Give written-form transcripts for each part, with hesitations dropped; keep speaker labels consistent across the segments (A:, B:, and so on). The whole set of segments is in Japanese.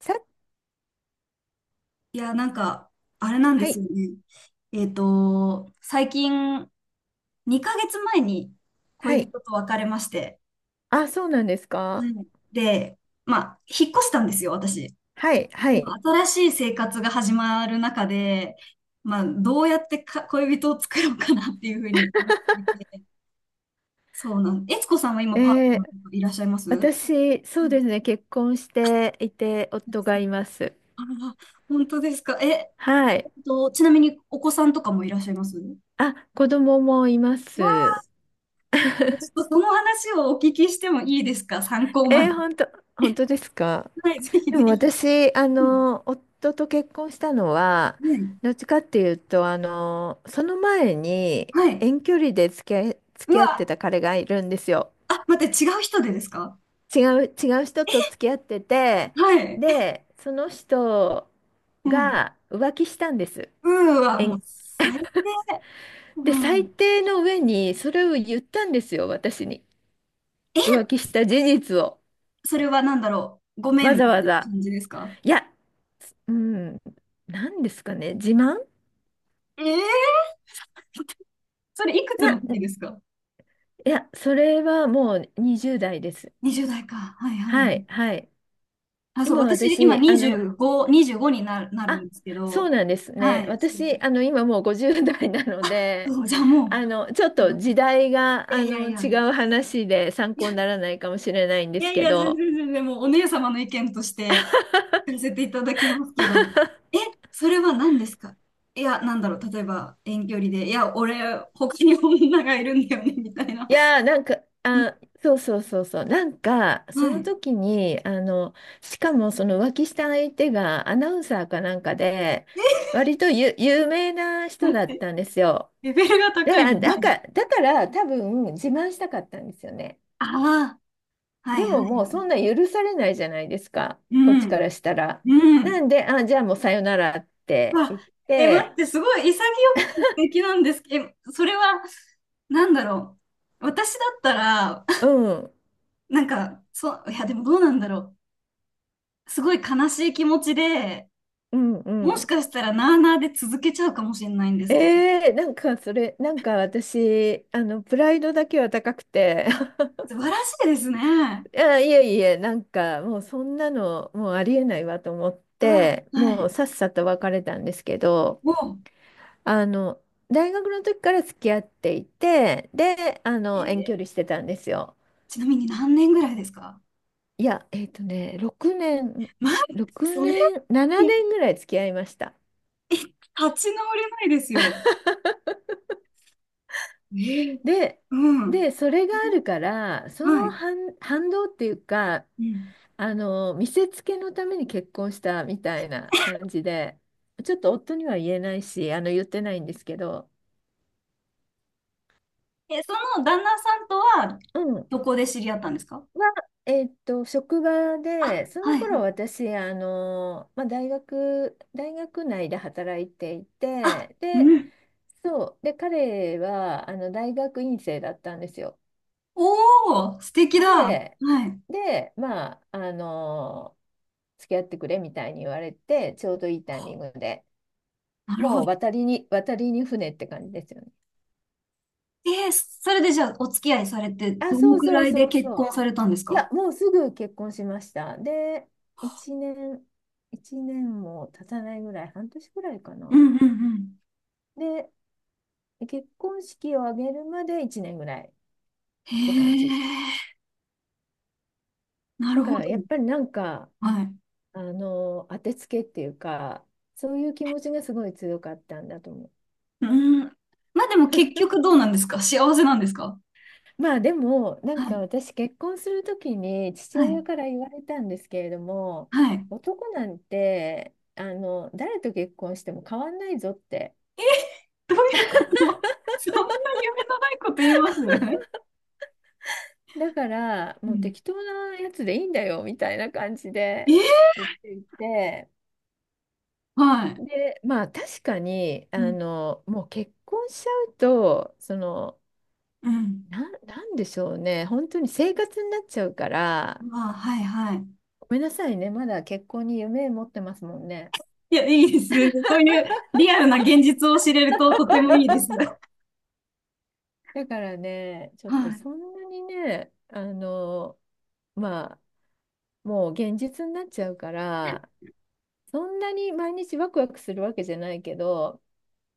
A: さ、
B: いや、なんか、あれなんで
A: は
B: す
A: い、
B: よね。最近、2ヶ月前に
A: は
B: 恋
A: い。
B: 人と別れまして、
A: あ、そうなんですか。
B: はい。で、まあ、引っ越したんですよ、私。
A: はい、は
B: でも、
A: い。
B: 新しい生活が始まる中で、まあ、どうやってか恋人を作ろうかなっていうふうに思っていて、そうなんです。悦子さんは今、
A: え
B: パートナ
A: ー、
B: ーとかいらっしゃいます？う
A: 私、そうで
B: ん。
A: すね、結婚していて、夫がいます。
B: あら、本当ですか。え、
A: はい。
B: ちなみにお子さんとかもいらっしゃいます？
A: あ、子供もいま
B: わ。
A: す。
B: ちょっとその話をお聞きしてもいいですか？参考ま
A: え
B: で。
A: ー、本当、本当ですか。
B: はい、ぜひ
A: で
B: ぜ
A: も
B: ひ。
A: 私、
B: うん。
A: 夫と結婚したのは、
B: ね。
A: どっちかっていうと、その前に
B: はい。
A: 遠距離で付
B: う
A: き合って
B: わ、
A: た彼がいるんですよ。
B: あ、待って、違う人でですか？
A: 違う人と付き合ってて、
B: はい。
A: で、その人
B: うん。
A: が浮気したんです。
B: うー、は
A: え
B: もう
A: ん
B: 最低。う
A: で、最
B: ん。
A: 低の上にそれを言ったんですよ、私に。浮気した事実を。
B: それは何だろう。ごめ
A: わ
B: んみ
A: ざ
B: た
A: わ
B: いな
A: ざ。
B: 感じですか？
A: いや、うん、なんですかね、自慢
B: ええ。それいくつの時
A: な、
B: ですか
A: いや、それはもう20代です。
B: ?20 代か。はいはい。
A: はい、はい。
B: あ、そう、
A: 今
B: 私今
A: 私、
B: 25、25になる、なる
A: あ、
B: んですけ
A: そう
B: ど。
A: なんです
B: は
A: ね。
B: い。そう
A: 私、今もう50代なの
B: そう。
A: で、
B: そう、じゃあも
A: ちょっと時
B: う。
A: 代が、
B: いやいやいや。
A: 違う話で参考にならないかもしれないんで
B: いや
A: す
B: い
A: け
B: や、全
A: ど、
B: 然全然、もうお姉様の意見としてさせていただきますけど、え、それは何ですか？いや、なんだろう、例えば遠距離で、いや、俺、他に女がいるんだよね、みたいな。
A: いやー、なんか、あ、そうそうそうそう、なんか、
B: う
A: その
B: ん。
A: 時に、しかもその浮気した相手がアナウンサーかなんかで、
B: はい。
A: 割と有名な人
B: 待っ
A: だっ
B: て、
A: たんですよ。
B: レベルが高いの。はい。
A: だから多分自慢したかったんですよね。
B: ああ、は
A: で
B: いは
A: ももう
B: い。
A: そんな許されないじゃないですか、
B: う
A: こっちか
B: ん、
A: らしたら。
B: うん。
A: なんで、あ、じゃあもうさよならって
B: わ、
A: 言っ
B: え、待っ
A: て、
B: て、すごい潔くて素敵なんですけど、え、それは、なんだろう。私だったら、
A: う ん、
B: なんか、そう、いや、でもどうなんだろう。すごい悲しい気持ちで、
A: うん、う
B: もし
A: ん。
B: かしたらなあなあで続けちゃうかもしれないんですけど。
A: なんかそれ、なんか私、プライドだけは高くて、
B: あ、素晴らしいですね。
A: いや、いえいえ、なんかもうそんなの、もうありえないわと思っ
B: うわ、
A: て、
B: は
A: も
B: い。
A: うさっさと別れたんですけど、
B: も
A: あの、大学の時から付き合っていて、で、
B: う、
A: 遠距
B: ー
A: 離してたんですよ。
B: ちなみに何年ぐらいですか？
A: いや、6年、
B: まあ、
A: 6
B: それ、
A: 年、7
B: 立
A: 年ぐらい付き合いました。
B: ち直れないですよ。えー。
A: で、
B: うん。
A: それがあるから、そ
B: は
A: の
B: い。
A: 反、反動っていうか、
B: うん。
A: 見せつけのために結婚したみたいな感じで、ちょっと夫には言えないし、言ってないんですけど、
B: え、その旦那さんとは、
A: うん。
B: どこで知り合ったんですか？
A: は、えっと、職場
B: あ、
A: で、そ
B: は
A: の
B: いは
A: 頃
B: い。
A: 私、まあ、大学内で働いてい
B: あ、
A: て、
B: う
A: で、
B: ん。
A: そう。で、彼は、大学院生だったんですよ。
B: おー、素敵だ。は
A: で、
B: い。
A: まあ、付き合ってくれみたいに言われて、ちょうどいいタイミングで、
B: なるほ
A: もう
B: ど。
A: 渡りに船って感じですよね。
B: えー、それでじゃあお付き合いされて、
A: あ、
B: どの
A: そう
B: く
A: そ
B: ら
A: う
B: いで
A: そう
B: 結
A: そ
B: 婚
A: う。
B: されたんです
A: いや、
B: か？
A: もうすぐ結婚しました。で、1年、1年も経たないぐらい、半年ぐらいか
B: うん
A: な。
B: うんうん。
A: で、結婚式を挙げるまで1年ぐらいっ
B: へ
A: て感じ。
B: え、な
A: だ
B: る
A: か
B: ほど。
A: らやっぱりなんか、
B: はい。
A: 当てつけっていうか、そういう気持ちがすごい強かったんだと思う。
B: うん。まあでも結局どうなんですか？幸せなんですか？
A: まあでも、なん
B: は
A: か
B: い。
A: 私結婚するときに父
B: はい。
A: 親から言われたんですけれども、
B: はい。
A: 男なんて、誰と結婚しても変わんないぞって。
B: どういうこと？ そんな夢のないこと言います？
A: だから、
B: う
A: もう
B: ん。
A: 適当なやつでいいんだよ、みたいな感じ
B: え
A: で
B: ー、
A: 言っていて、
B: はい。
A: で、まあ確かに、
B: うん
A: もう結婚しちゃうと、その、
B: うん。
A: なんでしょうね。本当に生活になっちゃうから、
B: まあ、はい、はい。
A: ごめんなさいね。まだ結婚に夢持ってますもんね。
B: いや、いいですね。そういうリアルな現実を知れるととてもいいです。
A: だからね、ちょっ
B: は
A: と
B: い。
A: そんなにね、まあ、もう現実になっちゃうから、そんなに毎日ワクワクするわけじゃないけど、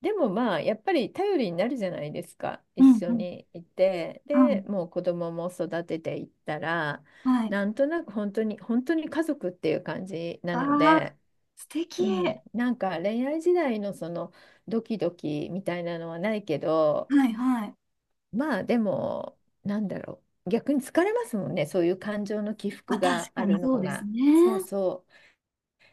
A: でもまあ、やっぱり頼りになるじゃないですか。
B: う
A: 一
B: ん
A: 緒
B: うん。
A: にいて。
B: はい。
A: で、もう子供も育てていったら、
B: はい。
A: なんとなく本当に、本当に家族っていう感じなの
B: ああ、
A: で、
B: 素敵。
A: うん、なんか恋愛時代のそのドキドキみたいなのはないけど、
B: はいはい。
A: まあでも、なんだろう、逆に疲れますもんね、そういう感情の起
B: まあ
A: 伏
B: 確
A: が
B: か
A: あ
B: に
A: るの
B: そうです
A: が。
B: ね。
A: そうそ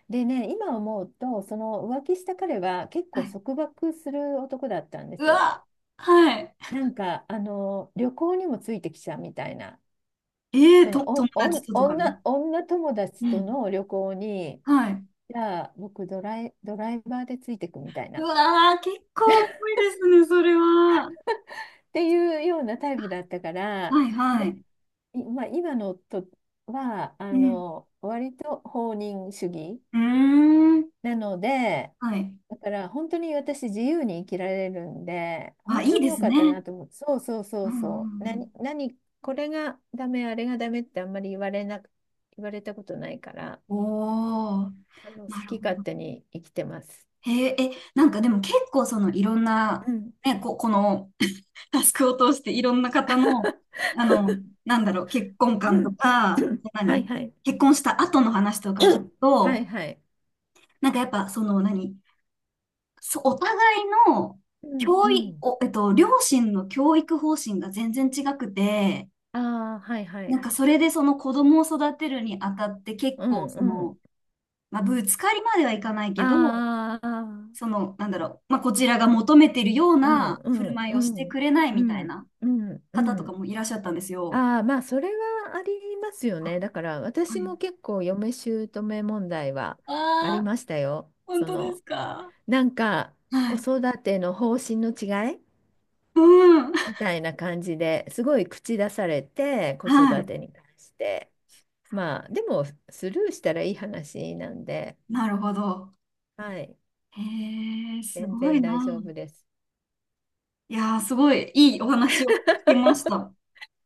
A: う。でね、今思うとその浮気した彼は結
B: は
A: 構
B: い。
A: 束縛する男だったんで
B: う
A: すよ。
B: わ、はい。
A: なんか旅行にもついてきちゃうみたいな、その
B: 友
A: お
B: 達
A: お
B: ととかに？
A: 女、女友
B: う
A: 達と
B: ん。
A: の旅行に、
B: はい。
A: じゃあ僕ドライバーでついてくみたい
B: う
A: な。
B: わー、結構重いですね、それは。
A: っていうようなタイプだったから、
B: はいは
A: で、
B: い。
A: まあ、今の夫は
B: うん。
A: 割と放任主義
B: うーん。
A: なので、
B: はい。
A: だから本当に私自由に生きられるんで、
B: あ、
A: 本
B: い
A: 当
B: い
A: に
B: で
A: 良
B: す
A: かっ
B: ね。
A: たなと思って、そうそう
B: う
A: そ
B: ん
A: う
B: うんう
A: そう、
B: ん。
A: 何、何、これがダメ、あれがダメってあんまり言われなく、言われたことないから、
B: おお、
A: 好
B: なる
A: き
B: ほ
A: 勝
B: ど。
A: 手に生きてます。
B: へえ、え、なんかでも結構そのいろん
A: う
B: な、
A: ん。
B: ね、このタスクを通していろんな方の、あの、なんだろう、結婚
A: う
B: 観と
A: んう
B: か、
A: ん、はい
B: 何、
A: はい。
B: 結婚した後の話とか聞く
A: はい
B: と、
A: はい。
B: なんかやっぱその何、そお互いの
A: うんう
B: 教育、
A: ん。
B: お、両親の教育方針が全然違くて、
A: ああ、はいは
B: なん
A: い。
B: かそれでその子供を育てるにあたって結
A: うん
B: 構そ
A: う
B: の、
A: ん。
B: まあ、ぶつかりまではいかないけど、
A: ああ、
B: その、なんだろう、まあ、こちらが求めてるよう
A: うん
B: な
A: う
B: 振る
A: ん
B: 舞
A: う
B: いをして
A: ん
B: くれない
A: う
B: みたい
A: ん
B: な
A: うんう
B: 方とか
A: ん。
B: もいらっしゃったんですよ。
A: ああ、まあそれはありますよ
B: あ。
A: ね。だから
B: は
A: 私
B: い。
A: も結構嫁姑問題はあり
B: ああ、
A: ましたよ。
B: 本
A: そ
B: 当で
A: の、
B: すか。
A: なんか
B: は
A: 子
B: い。
A: 育ての方針の違い
B: うん。
A: みたいな感じですごい口出されて、子育
B: はい。
A: てに関して。まあでもスルーしたらいい話なんで、
B: なるほど。
A: はい、
B: へえ、す
A: 全
B: ご
A: 然
B: いな。
A: 大丈夫です。
B: いやー、すごいいいお話を聞けました。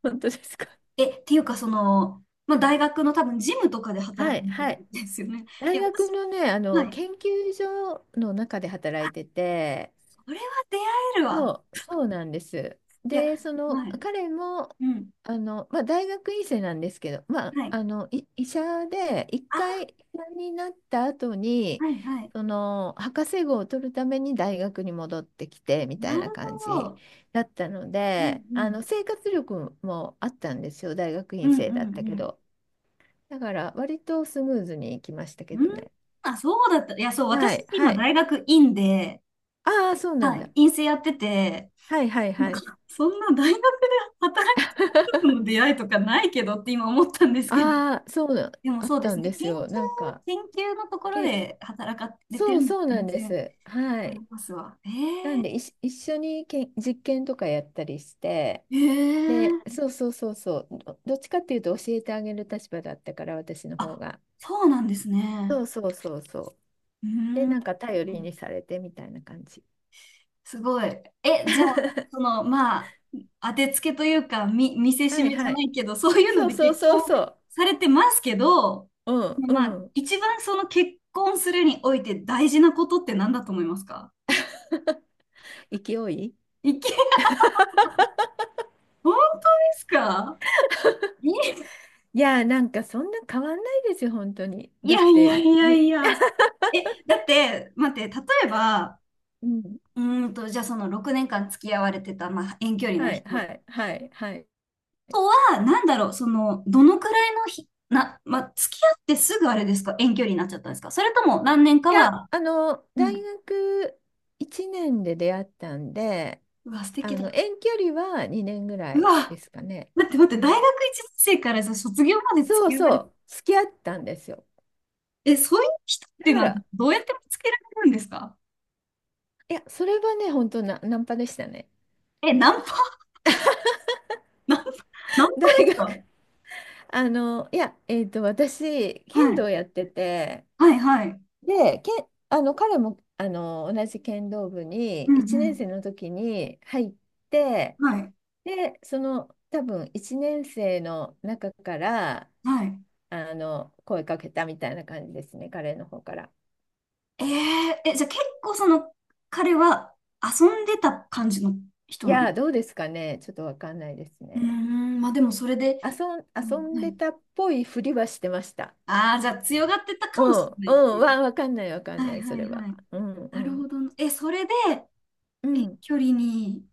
A: 本当ですか？
B: え、っていうか、その、まあ、大学の多分、ジムとかで働
A: は
B: く
A: い、
B: っ
A: は
B: てこ
A: い。
B: とですよね。い
A: 大
B: や、
A: 学
B: 私、
A: のね、
B: はい。
A: 研究所の中で働いてて、
B: それは出会えるわ。
A: そう、そうなんです。
B: いや、
A: で、その、
B: はい。
A: 彼も、
B: うん。
A: まあ、大学院生なんですけど、まあ、
B: はい。
A: 医者で、一
B: あ、
A: 回医者になった後に、
B: はいはい。
A: その、博士号を取るために大学に戻ってきて、み
B: な
A: たい
B: る
A: な感
B: ほ
A: じ
B: ど。
A: だったの
B: うん
A: で、
B: うん。
A: 生活力もあったんですよ、大学
B: う
A: 院
B: んう
A: 生
B: ん
A: だった
B: う
A: け
B: ん。
A: ど。だから、割とスムーズにいきましたけ
B: うん。
A: どね。
B: あ、そうだった。いや、そう、私、
A: はい、は
B: 今、
A: い。
B: 大学院で、
A: ああ、そうな
B: は
A: ん
B: い、
A: だ。
B: 院生やってて、
A: はいはい
B: なん
A: はい。
B: かそんな大学で働いてる人との 出会いとかないけどって今思ったんですけど、
A: ああ、そうな、
B: でも
A: あっ
B: そうで
A: た
B: す
A: ん
B: ね、
A: です
B: 研究、
A: よ。なんか、
B: 研究のところ
A: け、
B: で働かれて
A: そ
B: る
A: う
B: のは
A: そうな
B: 全
A: んで
B: 然
A: す。は
B: あり
A: い。
B: ますわ。
A: なんで、一緒に実験とかやったりして、
B: え
A: で、
B: ー、
A: そうそうそうそう、どっちかっていうと教えてあげる立場だったから、私の方
B: あ、
A: が。
B: そうなんですね。
A: そうそうそうそう。
B: う
A: で、
B: ーん。
A: なんか頼りにされてみたいな感じ。
B: すごい。え、じゃあ、その、まあ、当てつけというか、み、見せし
A: はい
B: めじゃ
A: は
B: な
A: い。
B: いけど、そういうの
A: そう
B: で
A: そう
B: 結
A: そう
B: 婚
A: そ
B: されてますけど、
A: う。うん
B: ま
A: う
B: あ、
A: ん。
B: 一番その結婚するにおいて大事なことって何だと思いますか？
A: 勢い。
B: いき、本当ですか？い、
A: いやー、なんかそんな変わんないですよ、本当に。
B: い
A: だ
B: や
A: っ
B: い
A: て、
B: やいや
A: み
B: いや。え、だって、待って、例えば、
A: うん。
B: じゃあその6年間付き合われてた、まあ、遠距離の
A: はい、は
B: 人
A: い、はい、はい。
B: とは、なんだろう、その、どのくらいのひ、な、ま、付き合ってすぐあれですか？遠距離になっちゃったんですか？それとも何年か
A: いや、
B: は、う
A: 大
B: ん。
A: 学1年で出会ったんで、
B: うわ、素敵だ。
A: 遠距離は2年ぐら
B: う
A: いで
B: わ、
A: すかね。
B: 待って待って、大学1年生からさ卒業まで付
A: そう
B: き合わ
A: そ
B: れる。
A: う、付き合ったんですよ。
B: え、そういう人っ
A: だ
B: ていう
A: か
B: のは
A: ら、
B: どうやって見つけられるんですか？
A: いや、それはね、本当な、ナンパでしたね。
B: え、ナンパ、ナンパ、ナンパ
A: 大
B: ですか？
A: 学あの、いや、えっと、私、
B: は
A: 剣
B: い、
A: 道やってて、
B: はい、はい。
A: で、彼も、同じ剣道部に、
B: うん
A: 1
B: う
A: 年
B: ん。
A: 生の時に入って、
B: はい、
A: で、その多分1年生の中から
B: はい。
A: 声かけたみたいな感じですね、彼の方から。
B: えー、え、じゃあ結構その、彼は遊んでた感じの人
A: い
B: なの？
A: やー、どうですかね、ちょっとわかんないです
B: うー
A: ね。
B: ん、まあでもそれで、う
A: 遊んで
B: ん。
A: たっぽいふりはしてました。
B: ああ、じゃあ強がってたか
A: う
B: もし
A: ん、
B: れな
A: う
B: いって
A: ん、
B: いう。
A: わかんない、わか
B: は
A: んな
B: い
A: い、そ
B: はい
A: れは。
B: はい。
A: うん、う
B: なるほ
A: ん、
B: どな。え、それで
A: う
B: 遠
A: ん、
B: 距離に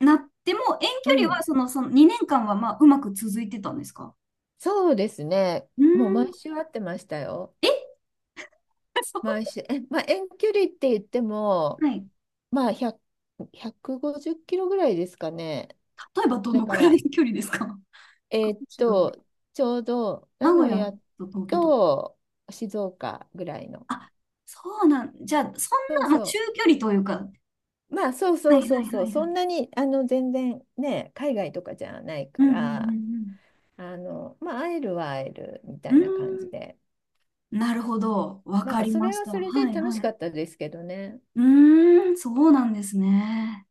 B: なっても、遠距
A: う
B: 離は
A: ん。
B: その2年間はまあうまく続いてたんですか？
A: そうですね、
B: うーん。
A: もう毎週会ってましたよ。
B: え、そう。
A: 毎週、まあ、遠距離って言っても、
B: はい。
A: まあ、100、150キロぐらいですかね。
B: 例えばど
A: だ
B: のく
A: か
B: らい
A: ら、
B: の距離ですか？
A: え
B: 学
A: ーっ
B: 習だ。
A: と、ちょうど
B: 名
A: 名
B: 古
A: 古
B: 屋
A: 屋
B: と東京とか。
A: と静岡ぐらいの。
B: あ、そうなん。じゃあ、そん
A: そう
B: な、まあ、中
A: そ
B: 距離というか。
A: う。まあそう
B: は
A: そ
B: い
A: うそ
B: は
A: う
B: い
A: そ
B: は
A: う。
B: い
A: そ
B: は
A: んな
B: い。
A: にあの全然ね、海外とかじゃない
B: う
A: か
B: んうんう
A: ら、
B: ん
A: まあ会えるは会えるみた
B: うん。
A: い
B: う
A: な感じで。
B: ーん。なるほど。わか
A: まあ
B: り
A: そ
B: ま
A: れ
B: し
A: は
B: た。
A: それで
B: はい
A: 楽し
B: はい。
A: かったですけどね。
B: うーん、そうなんですね。